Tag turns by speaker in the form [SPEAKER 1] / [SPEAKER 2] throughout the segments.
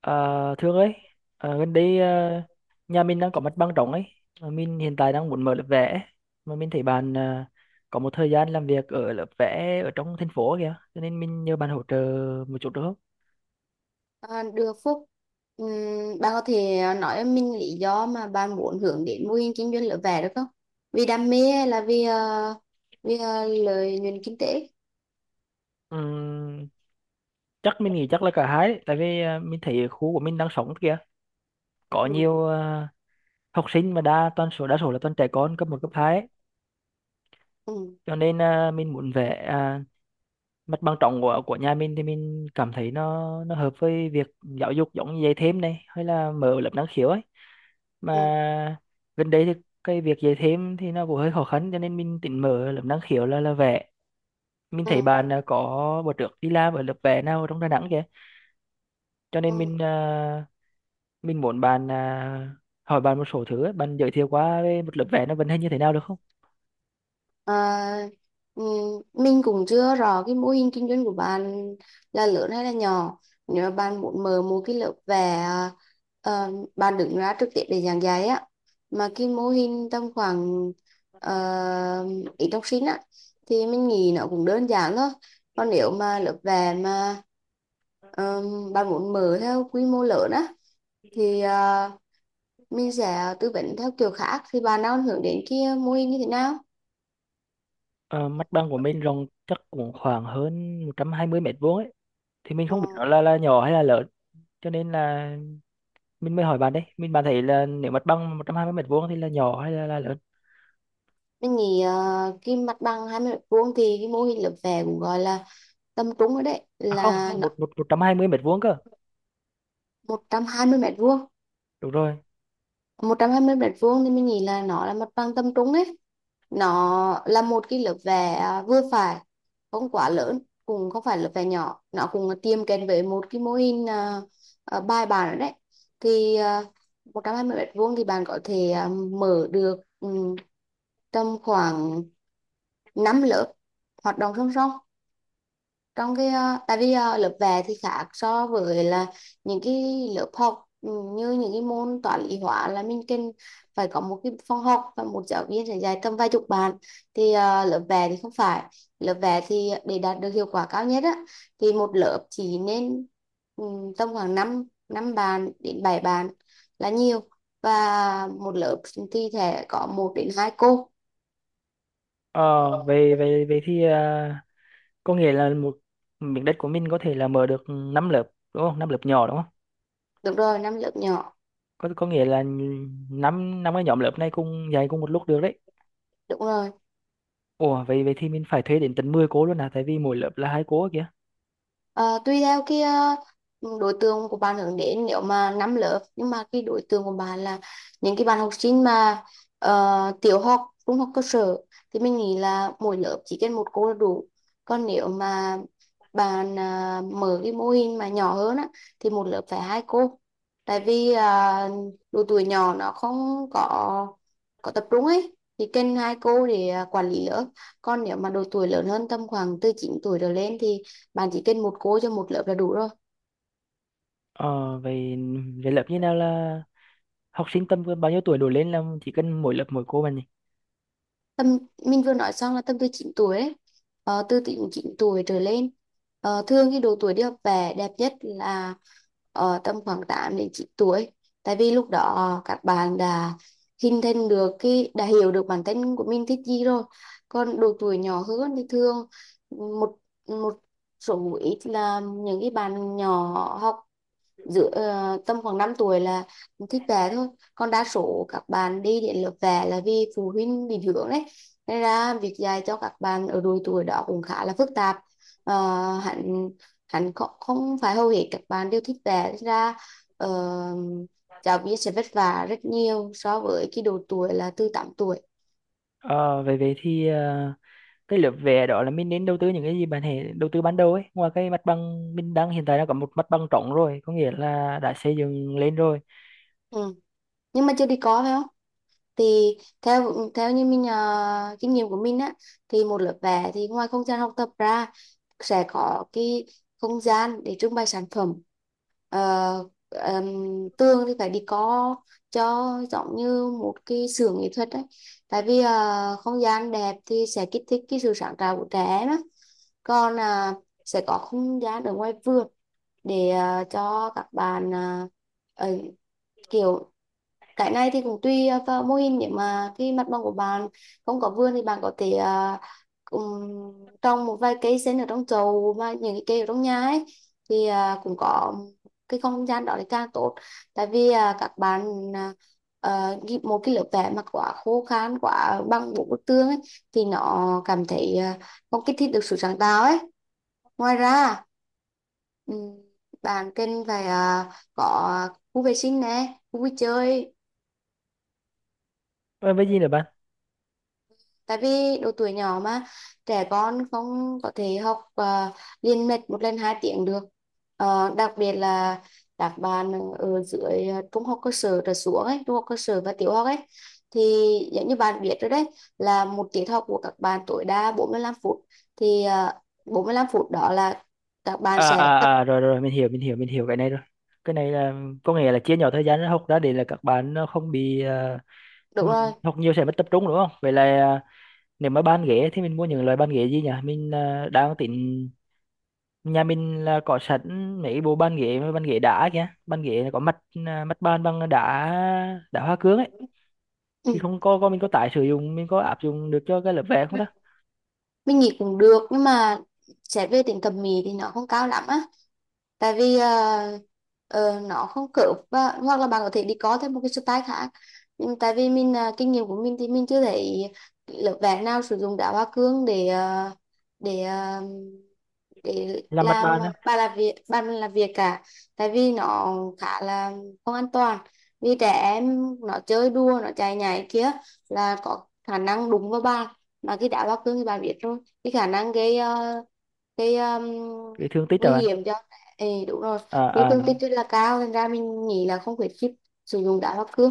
[SPEAKER 1] À, Thương ơi, gần đây, nhà mình đang có mặt bằng rộng ấy, mà mình hiện tại đang muốn mở lớp vẽ ấy. Mà mình thấy bạn có một thời gian làm việc ở lớp vẽ ở trong thành phố kìa, cho nên mình nhờ bạn hỗ trợ một chút được không?
[SPEAKER 2] À, được Phúc. Bạn có thể nói cho mình lý do mà bạn muốn hướng đến mô hình kinh doanh lửa vẽ được không, vì đam mê hay là vì lợi nhuận kinh tế?
[SPEAKER 1] Ừm, chắc mình nghĩ chắc là cả hai, đấy, tại vì mình thấy khu của mình đang sống kìa, có
[SPEAKER 2] Ừ,
[SPEAKER 1] nhiều học sinh mà đa số là toàn trẻ con cấp một cấp 2 ấy.
[SPEAKER 2] ừ,
[SPEAKER 1] Cho nên mình muốn vẽ, mặt bằng trống của nhà mình thì mình cảm thấy nó hợp với việc giáo dục, giống như dạy thêm này hay là mở lớp năng khiếu ấy.
[SPEAKER 2] ừ,
[SPEAKER 1] Mà gần đây thì cái việc dạy thêm thì nó cũng hơi khó khăn, cho nên mình tính mở lớp năng khiếu là vẽ. Mình thấy
[SPEAKER 2] ừ,
[SPEAKER 1] bạn có bữa trước đi làm ở lớp vẽ nào ở trong Đà Nẵng kìa, cho nên
[SPEAKER 2] ừ.
[SPEAKER 1] mình muốn bạn, hỏi bạn một số thứ ấy. Bạn giới thiệu qua về một lớp vẽ nó vận hành như thế nào được không?
[SPEAKER 2] Ờ, ừ, mình cũng chưa rõ cái mô hình kinh doanh của bạn là lớn hay là nhỏ. Nếu mà bạn muốn mở một cái lớp vẽ, bạn đứng ra trực tiếp để giảng dạy á, mà cái mô hình tầm khoảng ít học sinh á thì mình nghĩ nó cũng đơn giản thôi. Còn nếu mà lớp vẽ mà ờ, bạn muốn mở theo quy mô lớn á thì mình sẽ tư vấn theo kiểu khác. Thì bạn đang hướng đến kia mô hình như thế nào?
[SPEAKER 1] Ờ, mặt bằng của mình rộng chắc cũng khoảng hơn 120 mét vuông ấy, thì mình không biết nó là nhỏ hay là lớn, cho nên là mình mới hỏi bạn đấy. Bạn thấy là nếu mặt bằng 120 mét vuông thì là nhỏ hay là lớn?
[SPEAKER 2] Mình nghĩ cái mặt bằng 20 m² thì cái mô hình lớp vẽ cũng gọi là tầm trung rồi đấy,
[SPEAKER 1] À không,
[SPEAKER 2] là nó.
[SPEAKER 1] một một 120 mét vuông cơ.
[SPEAKER 2] 120 mét vuông
[SPEAKER 1] Đúng rồi.
[SPEAKER 2] 120 m² thì mình nghĩ là nó là mặt bằng tầm trung ấy. Nó là một cái lớp vẽ vừa phải, không quá lớn, cũng không phải lớp vẽ nhỏ. Nó cũng tiêm kèm với một cái mô hình bài bản rồi đấy. Thì 120 m² thì bạn có thể mở được tầm khoảng 5 lớp hoạt động song song trong cái. Lớp vẽ thì khác so với là những cái lớp học, như những cái môn toán lý hóa là mình cần phải có một cái phòng học và một giáo viên sẽ dạy tầm vài chục bạn. Thì lớp vẽ thì không phải, lớp vẽ thì để đạt được hiệu quả cao nhất á thì một lớp chỉ nên ừ, tầm khoảng 5 năm bàn đến 7 bàn là nhiều. Và một lớp thì sẽ có một đến hai cô.
[SPEAKER 1] Ờ về về về thì à, Có nghĩa là một miếng đất của mình có thể là mở được 5 lớp đúng không? Năm lớp nhỏ đúng không?
[SPEAKER 2] Được rồi, năm lớp nhỏ.
[SPEAKER 1] Có có nghĩa là năm năm cái nhóm lớp này cùng dạy cùng một lúc được đấy.
[SPEAKER 2] Đúng rồi.
[SPEAKER 1] Ủa, vậy vậy thì mình phải thuê đến tận 10 cô luôn à, tại vì mỗi lớp là hai cô kìa?
[SPEAKER 2] Ờ, Tùy theo cái đối tượng của bạn hướng đến. Nếu mà năm lớp nhưng mà cái đối tượng của bạn là những cái bạn học sinh mà tiểu học, trung học cơ sở thì mình nghĩ là mỗi lớp chỉ cần một cô là đủ. Còn nếu mà bạn mở cái mô hình mà nhỏ hơn á thì một lớp phải hai cô. Tại vì độ tuổi nhỏ nó không có tập trung ấy thì cần hai cô để quản lý lớp. Còn nếu mà độ tuổi lớn hơn tầm khoảng từ 9 tuổi trở lên thì bạn chỉ cần một cô cho một lớp là đủ rồi.
[SPEAKER 1] Ờ vậy, về lớp như nào là học sinh tầm bao nhiêu tuổi đổ lên là chỉ cần mỗi lớp mỗi cô mà nhỉ?
[SPEAKER 2] Tầm, mình vừa nói xong là tầm từ 9 tuổi ấy. Từ 9 tuổi trở lên. Thường cái độ tuổi đi học về đẹp nhất là tầm khoảng 8 đến 9 tuổi, tại vì lúc đó các bạn đã hình thành được cái, đã hiểu được bản thân của mình thích gì rồi. Còn độ tuổi nhỏ hơn thì thường một một số ít là những cái bạn nhỏ học giữa, tầm khoảng 5 tuổi là thích vẽ thôi. Còn đa số các bạn đi đến lớp vẽ là vì phụ huynh định hướng đấy, nên ra việc dạy cho các bạn ở độ tuổi đó cũng khá là phức tạp. Ờ, hẳn hẳn không, không phải hầu hết các bạn đều thích vẽ. Nên ra ờ, giáo viên sẽ vất vả rất nhiều so với cái độ tuổi là từ 8 tuổi.
[SPEAKER 1] Ờ, vậy vậy thì ờ, Cái lớp vẽ đó là mình nên đầu tư những cái gì, bạn hãy đầu tư ban đầu ấy, ngoài cái mặt bằng mình đang hiện tại đang có một mặt bằng trống rồi, có nghĩa là đã xây dựng lên rồi.
[SPEAKER 2] Ừ. Nhưng mà chưa đi có phải không? Thì theo theo như mình, kinh nghiệm của mình á, thì một lớp vẽ thì ngoài không gian học tập ra sẽ có cái không gian để trưng bày sản phẩm. Tường thì phải đi có cho giống như một cái xưởng nghệ thuật đấy, tại vì không gian đẹp thì sẽ kích thích cái sự sáng tạo của trẻ em á. Còn sẽ có không gian ở ngoài vườn để cho các bạn, ờ, kiểu, cái này thì cũng tùy vào mô hình. Nếu mà cái mặt bằng của bạn không có vườn thì bạn có thể ừm, trồng một vài cây sen ở trong chậu và những cái cây ở trong nhà ấy. Thì cũng có cái không gian đó thì càng tốt. Tại vì các bạn, à, một cái lớp vẽ mà quá khô khan, quá bằng bộ bức tường ấy thì nó cảm thấy không kích thích được sự sáng tạo ấy. Ngoài ra ừm, bạn cần phải có khu vệ sinh nè, khu vui chơi.
[SPEAKER 1] Ờ, với gì nữa bạn?
[SPEAKER 2] Tại vì độ tuổi nhỏ mà, trẻ con không có thể học liên mạch một lần 2 tiếng được. Đặc biệt là các bạn ở dưới trung học cơ sở trở xuống ấy, trung học cơ sở và tiểu học ấy. Thì giống như bạn biết rồi đấy, là một tiết học của các bạn tối đa 45 phút. Thì 45 phút đó là các bạn sẽ tập.
[SPEAKER 1] Rồi rồi, mình hiểu, mình hiểu cái này rồi. Cái này là có nghĩa là chia nhỏ thời gian học ra để là các bạn nó không bị
[SPEAKER 2] Đúng rồi.
[SPEAKER 1] học nhiều sẽ mất tập trung đúng không? Vậy là, nếu mà bàn ghế thì mình mua những loại bàn ghế gì nhỉ? Đang tính nhà mình là có sẵn mấy bộ bàn ghế và bàn ghế đá kìa, bàn ghế là có mặt, mặt bàn bằng đá, đá hoa cương ấy, thì
[SPEAKER 2] Ừ.
[SPEAKER 1] không có có mình có tái sử dụng, mình có áp dụng được cho cái lớp vẽ không ta?
[SPEAKER 2] Mình nghĩ cũng được nhưng mà xét về tính thẩm mỹ thì nó không cao lắm á. Tại vì ờ, nó không cướp và, hoặc là bạn có thể đi có thêm một cái style khác. Nhưng tại vì mình, kinh nghiệm của mình thì mình chưa thấy lớp vẽ nào sử dụng đá hoa cương để ờ, để
[SPEAKER 1] Làm mặt
[SPEAKER 2] làm
[SPEAKER 1] bàn á.
[SPEAKER 2] bàn làm việc cả. Tại vì nó khá là không an toàn, vì trẻ em nó chơi đùa, nó chạy nhảy kia là có khả năng đụng vào bàn. Mà khi đá hoa cương thì bạn biết rồi, cái khả năng gây cái
[SPEAKER 1] Cái thương tích rồi
[SPEAKER 2] nguy
[SPEAKER 1] bạn.
[SPEAKER 2] hiểm cho. Ê, đúng rồi. Cái
[SPEAKER 1] à, à,
[SPEAKER 2] tương tích rất là cao, thành ra mình nghĩ là không khuyến khích sử dụng đá hoa cương.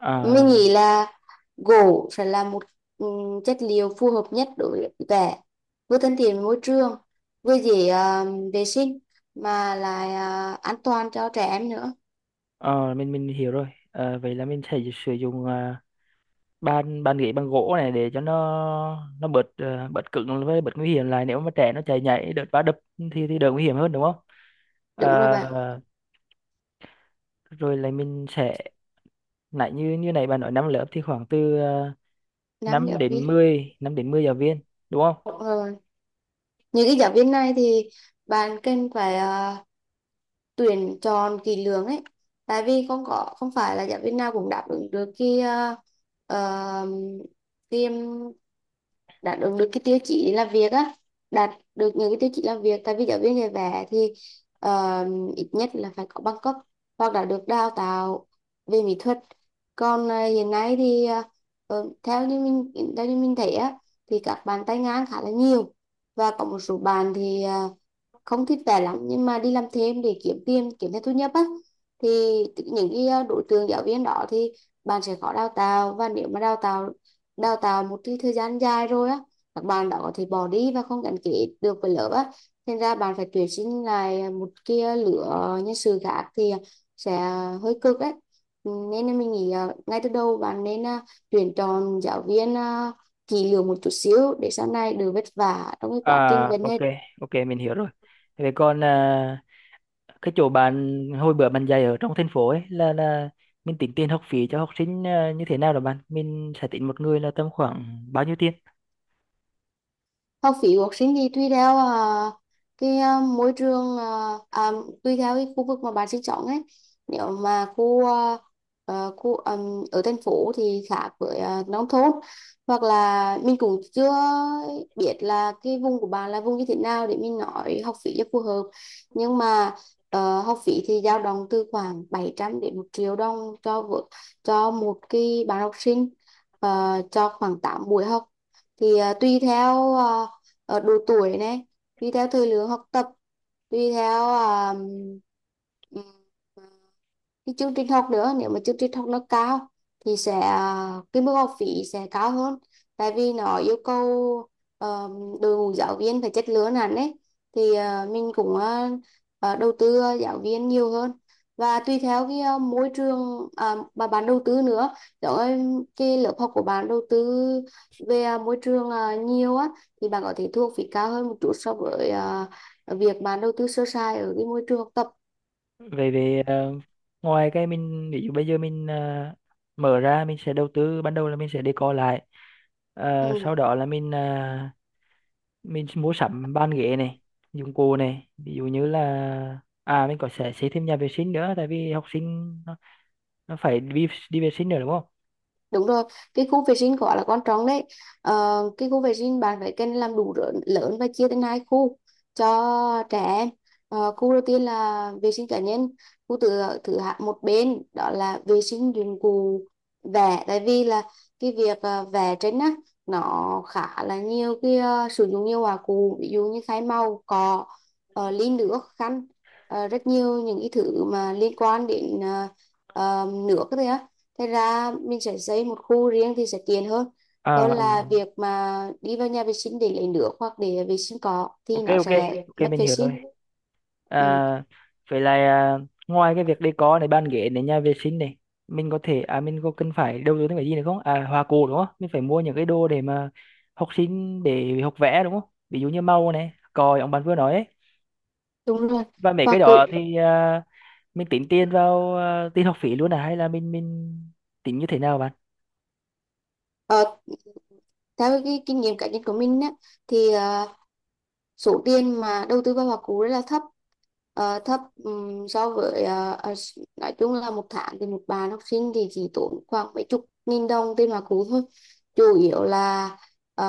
[SPEAKER 1] à,
[SPEAKER 2] Mình nghĩ là gỗ sẽ là một chất liệu phù hợp nhất đối với vẽ, vừa thân thiện với môi trường, vừa dễ vệ sinh, mà lại an toàn cho trẻ em nữa.
[SPEAKER 1] mình hiểu rồi. À, vậy là mình sẽ sử dụng, bàn bàn ghế bằng gỗ này để cho nó bớt, bớt cứng với bớt nguy hiểm lại, nếu mà trẻ nó chạy nhảy đợt va đập thì đỡ nguy hiểm hơn đúng không?
[SPEAKER 2] Đúng rồi bạn.
[SPEAKER 1] À, rồi là mình sẽ, nãy như như này bạn nói năm lớp thì khoảng từ
[SPEAKER 2] Năm
[SPEAKER 1] 5
[SPEAKER 2] giáo
[SPEAKER 1] đến
[SPEAKER 2] viên.
[SPEAKER 1] mười, 5 đến 10 giáo viên đúng không?
[SPEAKER 2] Đúng rồi. Những cái giáo viên này thì bạn cần phải tuyển chọn kỹ lưỡng ấy. Tại vì không có, không phải là giáo viên nào cũng đáp ứng được cái, ờ, cái đáp ứng được cái tiêu chí để làm việc á. Đạt được những cái tiêu chí làm việc, tại vì giáo viên dạy vẽ thì ờ, ít nhất là phải có bằng cấp hoặc là được đào tạo về mỹ thuật. Còn hiện nay thì theo như mình thấy á, thì các bạn tay ngang khá là nhiều. Và có một số bạn thì không thích vẽ lắm nhưng mà đi làm thêm để kiếm tiền, kiếm thêm thu nhập á. Thì những cái, đối tượng giáo viên đó thì bạn sẽ khó đào tạo. Và nếu mà đào tạo, một cái thời gian dài rồi á, các bạn đó có thể bỏ đi và không gắn kết được với lớp á. Thành ra bạn phải tuyển sinh lại một cái lứa, nhân sự khác thì sẽ hơi cực đấy. Nên là mình nghĩ ngay từ đầu bạn nên tuyển chọn giáo viên kỹ lưỡng một chút xíu để sau này đừng vất vả trong cái
[SPEAKER 1] À
[SPEAKER 2] quá trình vấn
[SPEAKER 1] ok,
[SPEAKER 2] hết.
[SPEAKER 1] ok mình hiểu rồi. Vậy còn cái chỗ bạn hồi bữa bạn dạy ở trong thành phố ấy, là mình tính tiền học phí cho học sinh như thế nào đó bạn? Mình sẽ tính một người là tầm khoảng bao nhiêu tiền?
[SPEAKER 2] Học phí của học sinh thì tùy theo cái, môi trường, tùy theo cái khu vực mà bạn sinh sống ấy. Nếu mà khu khu ở thành phố thì khác với nông thôn. Hoặc là mình cũng chưa biết là cái vùng của bạn là vùng như thế nào để mình nói học phí cho phù hợp. Nhưng mà học phí thì dao động từ khoảng 700 đến 1.000.000 đồng cho cho một cái bạn học sinh, cho khoảng 8 buổi học. Thì tùy theo độ tuổi này, tùy theo thời lượng học tập, tùy theo à, cái chương trình học nữa. Nếu mà chương trình học nó cao thì sẽ, cái mức học phí sẽ cao hơn, tại vì nó yêu cầu ờ, đội ngũ giáo viên phải chất lượng hẳn đấy. Thì mình cũng đầu tư giáo viên nhiều hơn, và tùy theo cái môi trường mà bạn đầu tư nữa. Giống như cái lớp học của bạn đầu tư về môi trường nhiều á thì bạn có thể thu học phí cao hơn một chút so với việc bạn đầu tư sơ sài ở cái môi trường học tập.
[SPEAKER 1] Về về ờ, Ngoài cái mình ví dụ bây giờ mình mở ra, mình sẽ đầu tư ban đầu là mình sẽ decor lại. Ờ, sau
[SPEAKER 2] Ừ.
[SPEAKER 1] đó là mình mua sắm bàn ghế này, dụng cụ này, ví dụ như là à mình có sẽ xây thêm nhà vệ sinh nữa, tại vì học sinh nó phải đi đi vệ sinh nữa đúng không?
[SPEAKER 2] Đúng rồi, cái khu vệ sinh gọi là quan trọng đấy. Cái khu vệ sinh bạn phải cần làm đủ, lớn và chia thành hai khu cho trẻ em. Khu đầu tiên là vệ sinh cá nhân, khu thứ thứ hạ một bên đó là vệ sinh dụng cụ vẽ. Tại vì là cái việc vẽ tranh á nó khá là nhiều cái, sử dụng nhiều hòa cụ, ví dụ như khái màu, cọ, ly nước, khăn, rất nhiều những cái thứ mà liên quan đến nước đấy. Thế ra mình sẽ xây một khu riêng thì sẽ tiện hơn, hơn
[SPEAKER 1] À ừ.
[SPEAKER 2] là việc mà đi vào nhà vệ sinh để lấy nước hoặc để vệ sinh cỏ thì
[SPEAKER 1] Ok,
[SPEAKER 2] nó
[SPEAKER 1] ok
[SPEAKER 2] sẽ
[SPEAKER 1] ok
[SPEAKER 2] mất
[SPEAKER 1] mình
[SPEAKER 2] vệ
[SPEAKER 1] hiểu rồi.
[SPEAKER 2] sinh. Ừ,
[SPEAKER 1] À vậy là, ngoài cái việc decor này, bàn ghế này, nhà vệ sinh này, mình có cần phải đầu tư thêm cái gì nữa không? À hoa cồ đúng không, mình phải mua những cái đồ để mà học sinh để học vẽ đúng không, ví dụ như màu này, còi ông bạn vừa nói ấy.
[SPEAKER 2] đúng rồi.
[SPEAKER 1] Và mấy
[SPEAKER 2] Và
[SPEAKER 1] cái
[SPEAKER 2] cũng
[SPEAKER 1] đó thì mình tính tiền vào tiền học phí luôn à hay là mình tính như thế nào bạn?
[SPEAKER 2] ờ, theo cái kinh nghiệm cá nhân của mình á, thì số tiền mà đầu tư vào hoa cú rất là thấp. Thấp so với, nói chung là một tháng thì một bạn học sinh thì chỉ tốn khoảng mấy chục nghìn đồng tiền hoa cú thôi. Chủ yếu là ờ,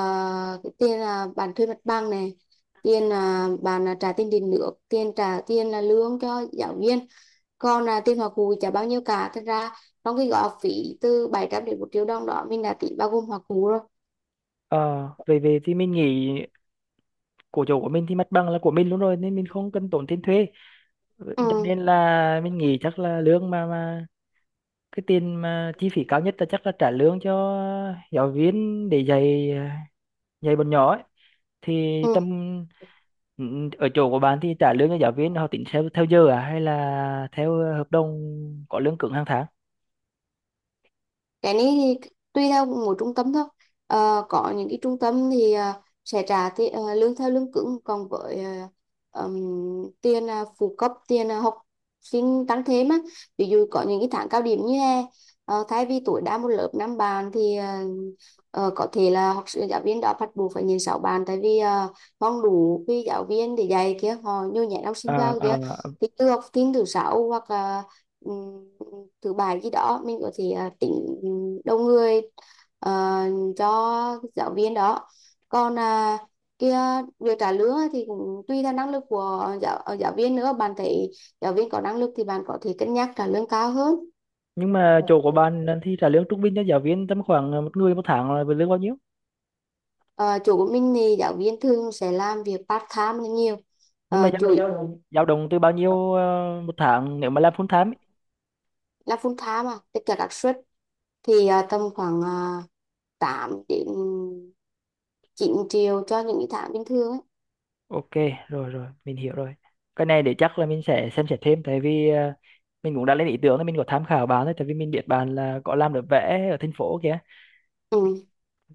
[SPEAKER 2] cái tiền là bạn thuê mặt bằng này, tiền là bạn là trả tiền điện nước, tiền trả tiền là lương cho giáo viên. Còn là tiền hoa cú chả bao nhiêu cả thật ra. Trong cái gói học phí từ 700 đến 1.000.000 đồng đó mình đã tính bao gồm hoa cú rồi.
[SPEAKER 1] Ờ về về thì Mình nghĩ của chỗ của mình thì mặt bằng là của mình luôn rồi nên mình không cần tốn tiền thuê. Ừ, cho
[SPEAKER 2] Ừ.
[SPEAKER 1] nên là mình nghĩ chắc là lương mà cái tiền mà chi phí cao nhất là chắc là trả lương cho giáo viên để dạy, dạy bọn nhỏ ấy. Thì
[SPEAKER 2] Ừ.
[SPEAKER 1] tầm ừ, ở chỗ của bạn thì trả lương cho giáo viên họ tính theo theo giờ à hay là theo hợp đồng, có lương cứng hàng tháng?
[SPEAKER 2] Cái này thì tùy theo mỗi trung tâm thôi. Có những cái trung tâm thì sẽ trả lương theo lương cứng. Còn với tiền phụ cấp, tiền học sinh tăng thêm á, ví dụ có những cái tháng cao điểm như hè, thay vì tối đa một lớp năm bạn thì có thể là học sinh, giáo viên đã bắt buộc phải nhìn sáu bạn. Tại vì không đủ cái giáo viên để dạy kia, họ nhồi nhét học sinh
[SPEAKER 1] Ờ,
[SPEAKER 2] vào
[SPEAKER 1] ờ.
[SPEAKER 2] kia. Thì từ học sinh thứ sáu hoặc là ừm, thứ bài gì đó mình có thể tính đông người ờ, cho giáo viên đó. Còn kia, việc trả lương thì cũng tùy theo năng lực của giáo viên nữa. Bạn thấy giáo viên có năng lực thì bạn có thể cân nhắc trả lương cao hơn.
[SPEAKER 1] Nhưng mà chỗ của bạn là thì trả lương trung bình cho giáo viên tầm khoảng một người một tháng là với lương bao nhiêu?
[SPEAKER 2] Ờ, Chủ của mình thì giáo viên thường sẽ làm việc part time là nhiều.
[SPEAKER 1] Nhưng mà dao
[SPEAKER 2] Chủ
[SPEAKER 1] động
[SPEAKER 2] yếu
[SPEAKER 1] Dao động từ bao nhiêu một tháng nếu mà làm full time ấy?
[SPEAKER 2] là full time mà tất cả các suất thì tầm khoảng 8 đến 9 triệu cho những cái tháng bình thường ấy.
[SPEAKER 1] Ok, rồi rồi mình hiểu rồi. Cái này để chắc là mình sẽ xem xét thêm, tại vì mình cũng đã lên ý tưởng là mình có tham khảo bạn đấy, tại vì mình biết bạn là có làm được vẽ ở thành phố kìa.
[SPEAKER 2] Ừ.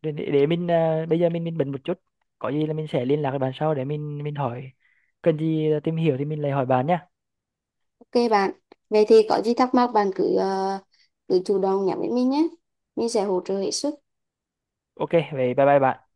[SPEAKER 1] Để mình bây giờ mình bận một chút, có gì là mình sẽ liên lạc với bạn sau để mình hỏi, cần gì tìm hiểu thì mình lại hỏi bạn nhá.
[SPEAKER 2] Ok bạn, vậy thì có gì thắc mắc bạn cứ cứ chủ động nhắn với mình nhé. Mình sẽ hỗ trợ hết sức.
[SPEAKER 1] Ok vậy, bye bye bạn.